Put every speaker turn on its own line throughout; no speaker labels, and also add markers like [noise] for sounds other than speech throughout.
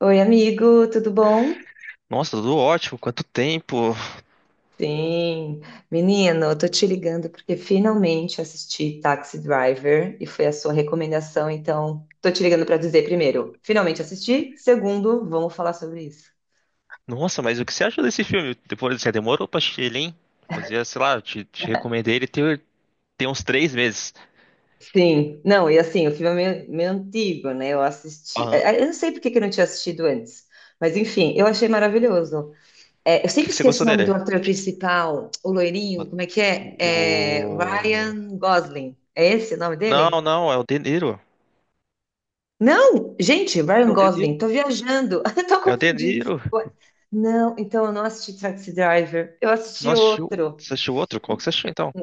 Oi, amigo, tudo bom?
Nossa, tudo ótimo, quanto tempo.
Sim, menino, eu tô te ligando porque finalmente assisti Taxi Driver e foi a sua recomendação, então tô te ligando pra dizer primeiro, finalmente assisti, segundo, vamos falar sobre isso.
Nossa, mas o que você achou desse filme? Depois você demorou pra assistir ele, hein? Fazia, sei lá, eu te recomendei ele tem uns 3 meses.
Sim, não, e assim, o filme é meio antigo, né? Eu assisti,
Ah, o
eu não sei por que que eu não tinha assistido antes, mas enfim, eu achei maravilhoso. É, eu
que
sempre
que você
esqueço
gostou
o nome
dele?
do ator principal, o loirinho, como é que
O...
é? É
o-
Ryan Gosling, é esse o nome
Não,
dele?
não, é o De Niro.
Não, gente,
É
Ryan
o Dedeiro.
Gosling, tô viajando, [laughs] eu tô
É o De
confundindo.
Niro.
Não, então eu não assisti Taxi Driver, eu
Você não
assisti
assistiu,
outro,
você assistiu outro? Qual que você achou então?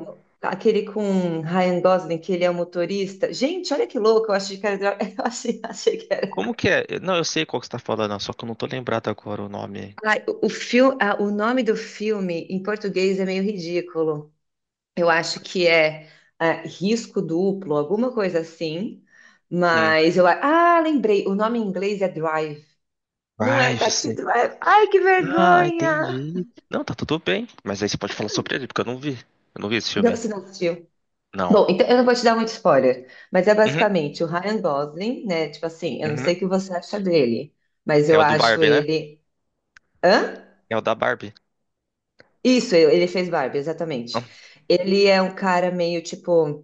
aquele com Ryan Gosling, que ele é o motorista. Gente, olha que louco, eu achei que era, [laughs] eu achei que era.
Como que é? Não, eu sei qual que você tá falando, só que eu não tô lembrado agora o nome.
Ai, o, filme, o nome do filme em português é meio ridículo. Eu acho que é Risco Duplo, alguma coisa assim,
Hum.
mas lembrei, o nome em inglês é Drive. Não é
Vai,
Taxi
você.
Driver. Ai, que
Ah,
vergonha!
entendi. Não, tá tudo bem. Mas aí você pode falar sobre ele, porque eu não vi. Eu não vi esse
Não,
filme.
você não assistiu.
Não.
Bom, então eu não vou te dar muito spoiler, mas é
Uhum,
basicamente o Ryan Gosling, né? Tipo assim, eu não
uhum.
sei o que você acha dele, mas
É
eu
o do
acho
Barbie, né?
ele. Hã?
É o da Barbie.
Isso, ele fez Barbie,
Ah,
exatamente. Ele é um cara meio tipo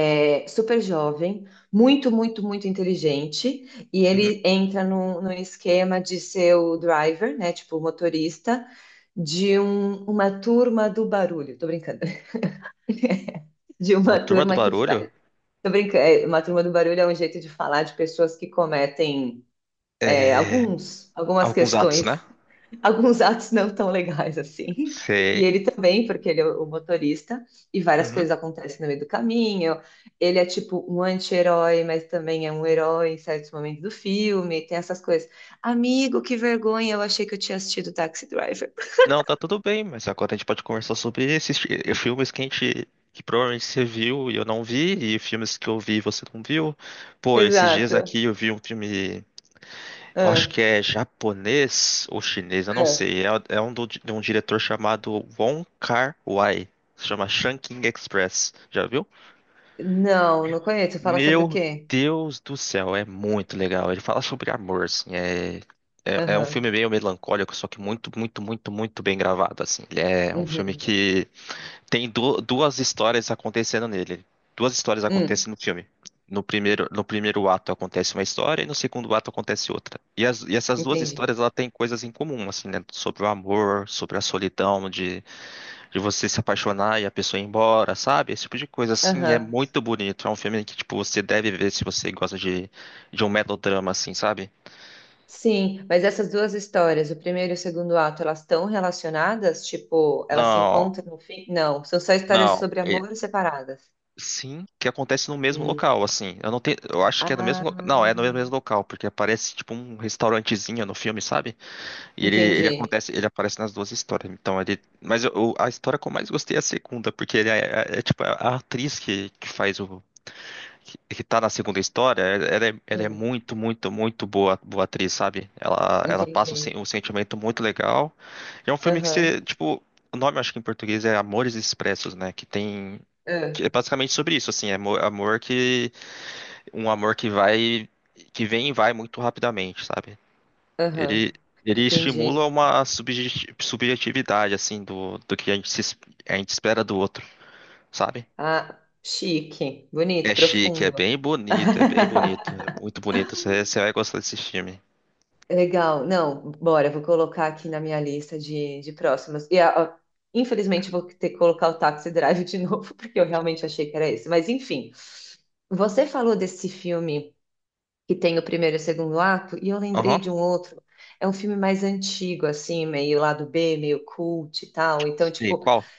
super jovem, muito inteligente, e
uhum.
ele entra num esquema de ser o driver, né? Tipo, o motorista de uma turma do barulho. Tô brincando. De
Uma
uma [laughs]
turma do
turma que
barulho?
faz. Tô brincando, é, uma turma do barulho é um jeito de falar de pessoas que cometem
É.
algumas
Alguns atos, né?
questões, [laughs] alguns atos não tão legais assim. E
Sei.
ele também, porque ele é o motorista, e várias
Uhum.
coisas acontecem no meio do caminho. Ele é tipo um anti-herói, mas também é um herói em certos momentos do filme. Tem essas coisas. Amigo, que vergonha, eu achei que eu tinha assistido Taxi Driver. [laughs]
Não, tá tudo bem, mas agora a gente pode conversar sobre esses filmes que a gente. Que provavelmente você viu e eu não vi, e filmes que eu vi e você não viu. Pô, esses dias aqui
Exato.
eu vi um filme. Eu acho
Ah,
que é japonês ou chinês, eu não
ah.
sei. É, é um de um diretor chamado Wong Kar-wai. Se chama Shanking Express. Já viu?
Não, não conheço. Fala sobre o
Meu
quê?
Deus do céu, é muito legal. Ele fala sobre amor, assim, é um filme
Aham.
meio melancólico, só que muito, muito, muito, muito bem gravado, assim. Ele é um filme
Uhum.
que tem duas histórias acontecendo nele. Duas histórias
Hum,
acontecem no filme. No primeiro, no primeiro ato acontece uma história e no segundo ato acontece outra. E essas duas
entendi.
histórias, ela tem coisas em comum, assim, né? Sobre o amor, sobre a solidão de você se apaixonar e a pessoa ir embora, sabe? Esse tipo de coisa, assim, é
Aham.
muito bonito. É um filme que, tipo, você deve ver se você gosta de um melodrama, assim, sabe?
Sim, mas essas duas histórias, o primeiro e o segundo ato, elas estão relacionadas? Tipo, elas se
Não,
encontram no fim? Não, são só histórias
não.
sobre amor separadas.
Sim, que acontece no mesmo
Hum.
local, assim. Eu não tenho, eu acho que é no
Ah,
mesmo, não, é no mesmo local, porque aparece, tipo, um restaurantezinho no filme, sabe? E ele
entendi.
acontece, ele aparece nas duas histórias. Então, ele, mas a história que eu mais gostei é a segunda, porque ele é, tipo, a atriz que faz o que que tá na segunda história, ela é
Hum,
muito, muito, muito boa, boa atriz, sabe? Ela passa
entendi.
um sentimento muito legal. E é um filme que
Aham.
você, tipo, o nome acho que em português é Amores Expressos, né? Que tem,
Ah,
que é basicamente sobre isso, assim, é amor, amor que, um amor que vai, que vem e vai muito rapidamente, sabe?
aham.
Ele, ele estimula
Entendi.
uma subjetividade, assim, do que a gente, se es- a gente espera do outro, sabe?
Ah, chique, bonito,
É chique, é
profundo.
bem bonito, é bem
[laughs]
bonito. É muito bonito. Você vai gostar desse filme.
Legal, não, bora, vou colocar aqui na minha lista de próximas. E, infelizmente, vou ter que colocar o Taxi Drive de [laughs] novo, porque eu realmente achei que era esse. Mas, enfim, você falou desse filme que tem o primeiro e o segundo ato, e eu
Aham.
lembrei de um outro. É um filme mais antigo, assim, meio lado B, meio cult e tal. Então,
Sei,
tipo,
qual?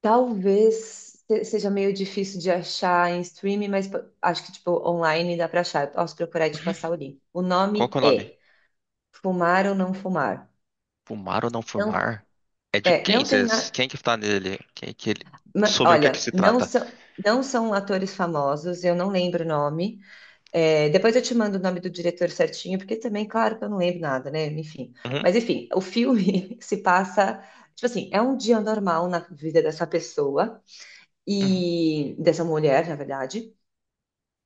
talvez seja meio difícil de achar em streaming, mas acho que, tipo, online dá pra achar. Eu posso procurar e te passar o link. O
Qual que
nome
é o nome?
é Fumar ou Não Fumar.
Fumar ou não
Não,
fumar? É de
é,
quem?
não tem
Cês,
nada.
quem que tá nele? Quem que ele, sobre o que é que
Olha,
se
não
trata?
são, não são atores famosos, eu não lembro o nome. É, depois eu te mando o nome do diretor certinho, porque também, claro que eu não lembro nada, né? Enfim.
Uhum,
Mas, enfim, o filme [laughs] se passa. Tipo assim, é um dia normal na vida dessa pessoa,
uhum.
e dessa mulher, na verdade.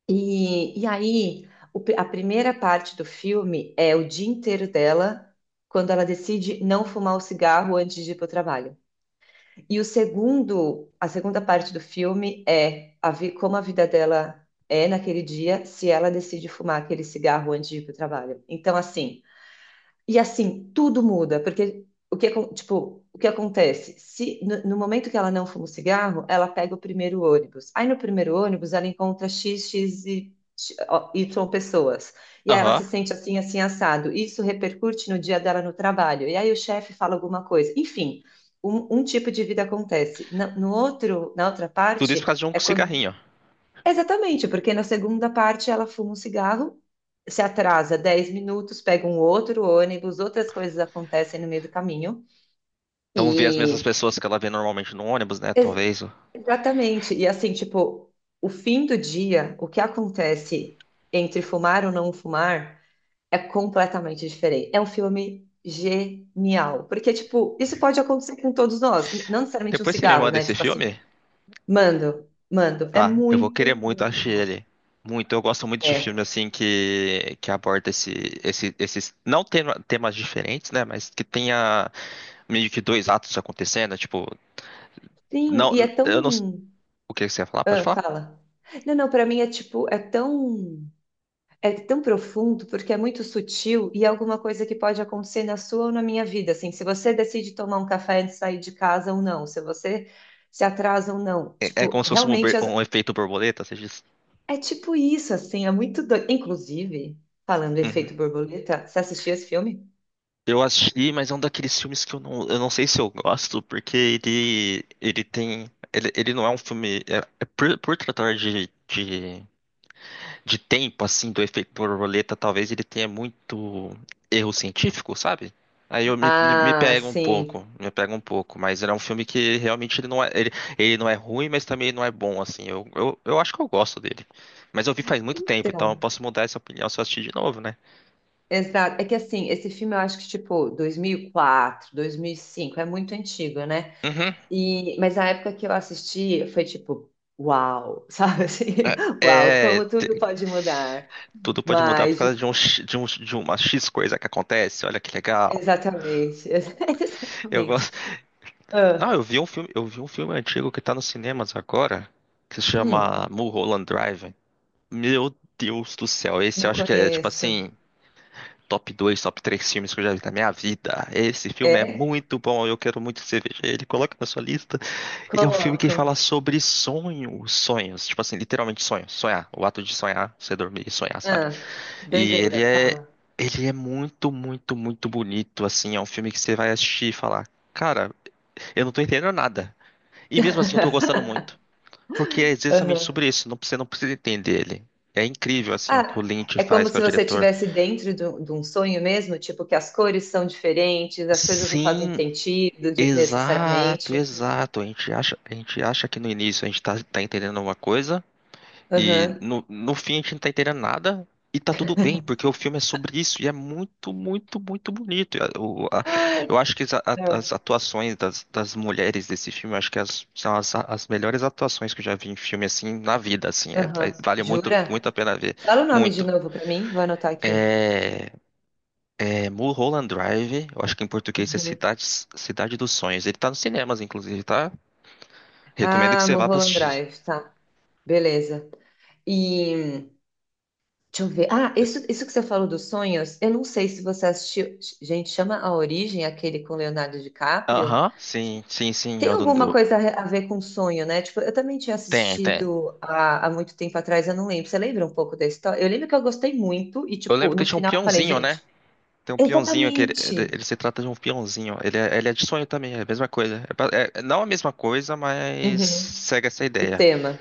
E aí, a primeira parte do filme é o dia inteiro dela, quando ela decide não fumar o cigarro antes de ir para o trabalho. E a segunda parte do filme é como a vida dela é naquele dia, se ela decide fumar aquele cigarro antes de ir para o trabalho. Então, assim. E assim, tudo muda, porque o que, tipo, o que acontece? Se no momento que ela não fuma o cigarro, ela pega o primeiro ônibus. Aí no primeiro ônibus ela encontra X, ó, Y pessoas. E aí ela
Aham.
se sente assim, assado. Isso repercute no dia dela no trabalho. E aí o chefe fala alguma coisa. Enfim, um tipo de vida acontece. No outro, na outra
Tudo isso por causa
parte,
de um
é quando.
cigarrinho.
Exatamente, porque na segunda parte ela fuma um cigarro, se atrasa 10 minutos, pega um outro ônibus, outras coisas acontecem no meio do caminho.
Não vê as mesmas
E
pessoas que ela vê normalmente no ônibus, né?
ex-
Talvez.
exatamente, e assim, tipo, o fim do dia, o que acontece entre fumar ou não fumar é completamente diferente. É um filme genial, porque tipo, isso pode acontecer com todos nós, não necessariamente um
Depois você me
cigarro,
manda
né?
esse
Tipo assim,
filme?
mando, mando, é
Tá, eu vou querer
muito,
muito
muito
assistir
bom.
ele. Muito, eu gosto muito de filme
É.
assim que aborda esse, esses, não temas diferentes, né? Mas que tenha meio que dois atos acontecendo, né, tipo,
Sim,
não,
e é
eu não,
tão.
o que você ia falar? Pode
Ah,
falar?
fala. Não, para mim é tipo, é tão profundo porque é muito sutil e é alguma coisa que pode acontecer na sua ou na minha vida, assim, se você decide tomar um café antes de sair de casa ou não, se você se atrasa ou não.
É, é
Tipo,
como se fosse um,
realmente
um efeito borboleta, você diz?
é tipo isso, assim, é muito doido. Inclusive, falando do
Uhum.
efeito borboleta, você assistiu esse filme?
Eu assisti, mas é um daqueles filmes que eu não sei se eu gosto, porque ele tem, ele não é um filme, é por, tratar de, de tempo, assim, do efeito borboleta, talvez ele tenha muito erro científico, sabe? Aí eu me
Ah,
pego um
sim.
pouco, me pego um pouco, mas era um filme que realmente ele não é, ele não é ruim, mas também não é bom, assim. Eu acho que eu gosto dele. Mas eu vi faz muito tempo, então eu
Então,
posso mudar essa opinião se eu assistir de novo, né?
exato. É que assim, esse filme eu acho que tipo 2004, cinco é muito antigo, né?
Uhum.
E, mas a época que eu assisti foi tipo, uau, sabe assim?
É,
[laughs] Uau, como tudo pode mudar.
tudo pode mudar por
Mas,
causa de, um, X- de, um, de uma X coisa que acontece, olha que legal.
exatamente, [laughs]
Eu
exatamente.
gosto. Não,
Ah,
eu vi um filme, eu vi um filme antigo que tá nos cinemas agora, que se
hum,
chama Mulholland Drive. Meu Deus do céu, esse eu
não
acho que é tipo
conheço.
assim, top 2, top 3 filmes que eu já vi na minha vida. Esse filme é
É?
muito bom, eu quero muito que você veja ele, coloca na sua lista. Ele é um filme que
Coloco.
fala sobre sonhos, sonhos, tipo assim, literalmente sonhos, sonhar, o ato de sonhar, você dormir e sonhar, sabe?
Ah,
E ele
doideira,
é
fala.
ele é muito, muito, muito bonito, assim, é um filme que você vai assistir e falar, cara, eu não tô entendendo nada. E mesmo assim eu tô
[laughs]
gostando muito. Porque é exatamente
Aham.
sobre isso, não, você não precisa entender ele. É incrível, assim, o que o
Ah,
Lynch
é como
faz, que é
se
o
você
diretor.
estivesse dentro de um sonho mesmo, tipo que as cores são diferentes, as coisas não fazem
Sim,
sentido
exato,
necessariamente.
exato. A gente acha que no início a gente tá, tá entendendo uma coisa e
Aham.
no fim a gente não tá entendendo nada e tá tudo bem, porque o filme é sobre isso e é muito, muito, muito bonito.
Ai,
Eu acho que as, a-
ah,
as atuações das, das mulheres desse filme, eu acho que as- são as, as melhores atuações que eu já vi em filme, assim, na vida, assim. É,
aham.
é, vale muito,
Jura?
muito a pena ver.
Fala o nome de
Muito.
novo pra mim, vou anotar aqui.
É, é Mulholland Drive, eu acho que em português é
Uhum.
Cidade, Cidade dos Sonhos. Ele tá nos cinemas, inclusive, tá? Recomendo que
Ah,
você vá pra
Mulholland
assistir.
Drive, tá. Beleza. E deixa eu ver. Ah, isso que você falou dos sonhos, eu não sei se você assistiu. Gente, chama A Origem, aquele com Leonardo DiCaprio.
Aham, sim, sim, sim. É
Tem
o
alguma coisa a ver com sonho, né? Tipo, eu também tinha
Tem, tem.
assistido há muito tempo atrás, eu não lembro. Você lembra um pouco da história? Eu lembro que eu gostei muito e,
Eu
tipo,
lembro que
no
tinha um
final eu falei,
peãozinho, né?
gente,
Tem um peãozinho que
exatamente.
ele se trata de um peãozinho. Ele é de sonho também, é a mesma coisa. É não a mesma coisa, mas
Uhum.
segue essa
O
ideia.
tema.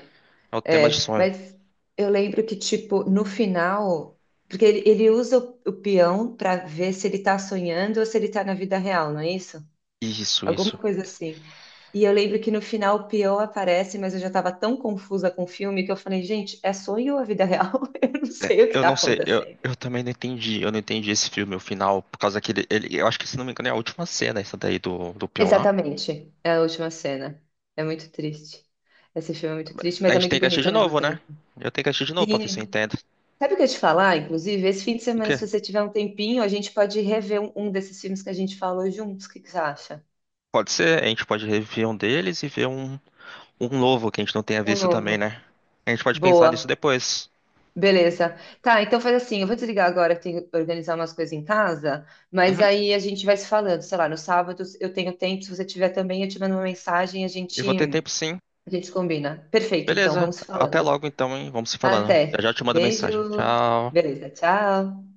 É o tema de
É,
sonho.
mas eu lembro que, tipo, no final, porque ele usa o peão para ver se ele tá sonhando ou se ele tá na vida real, não é isso?
Isso,
Alguma
isso.
coisa assim. E eu lembro que no final o peão aparece, mas eu já tava tão confusa com o filme que eu falei, gente, é sonho ou a vida real? [laughs] Eu não
É,
sei o que
eu
tá
não sei,
acontecendo.
eu também não entendi, eu não entendi esse filme, o final, por causa que eu acho que se não me engano é a última cena essa daí do Pionar.
Exatamente, é a última cena. É muito triste. Esse filme é muito triste,
A
mas é
gente tem
muito
que assistir
bonito
de
ao mesmo
novo, né?
tempo.
Eu tenho que assistir de novo pra ver se eu
Sim.
entendo.
Sabe o que eu ia te falar? Inclusive, esse fim de
O
semana,
quê?
se você tiver um tempinho, a gente pode rever um desses filmes que a gente falou juntos. O que que você acha?
Pode ser, a gente pode rever um deles e ver um novo que a gente não tenha
Um
visto também,
novo.
né? A gente pode pensar nisso
Boa.
depois.
Beleza. Tá, então faz assim, eu vou desligar agora, que tenho que organizar umas coisas em casa, mas
Uhum.
aí a gente vai se falando, sei lá, no sábado eu tenho tempo, se você tiver também, eu te mando uma mensagem,
Eu vou ter tempo sim.
a gente combina. Perfeito, então,
Beleza,
vamos
até
falando.
logo então, hein? Vamos se falando. Eu
Até.
já te mando mensagem.
Beijo.
Tchau.
Beleza, tchau.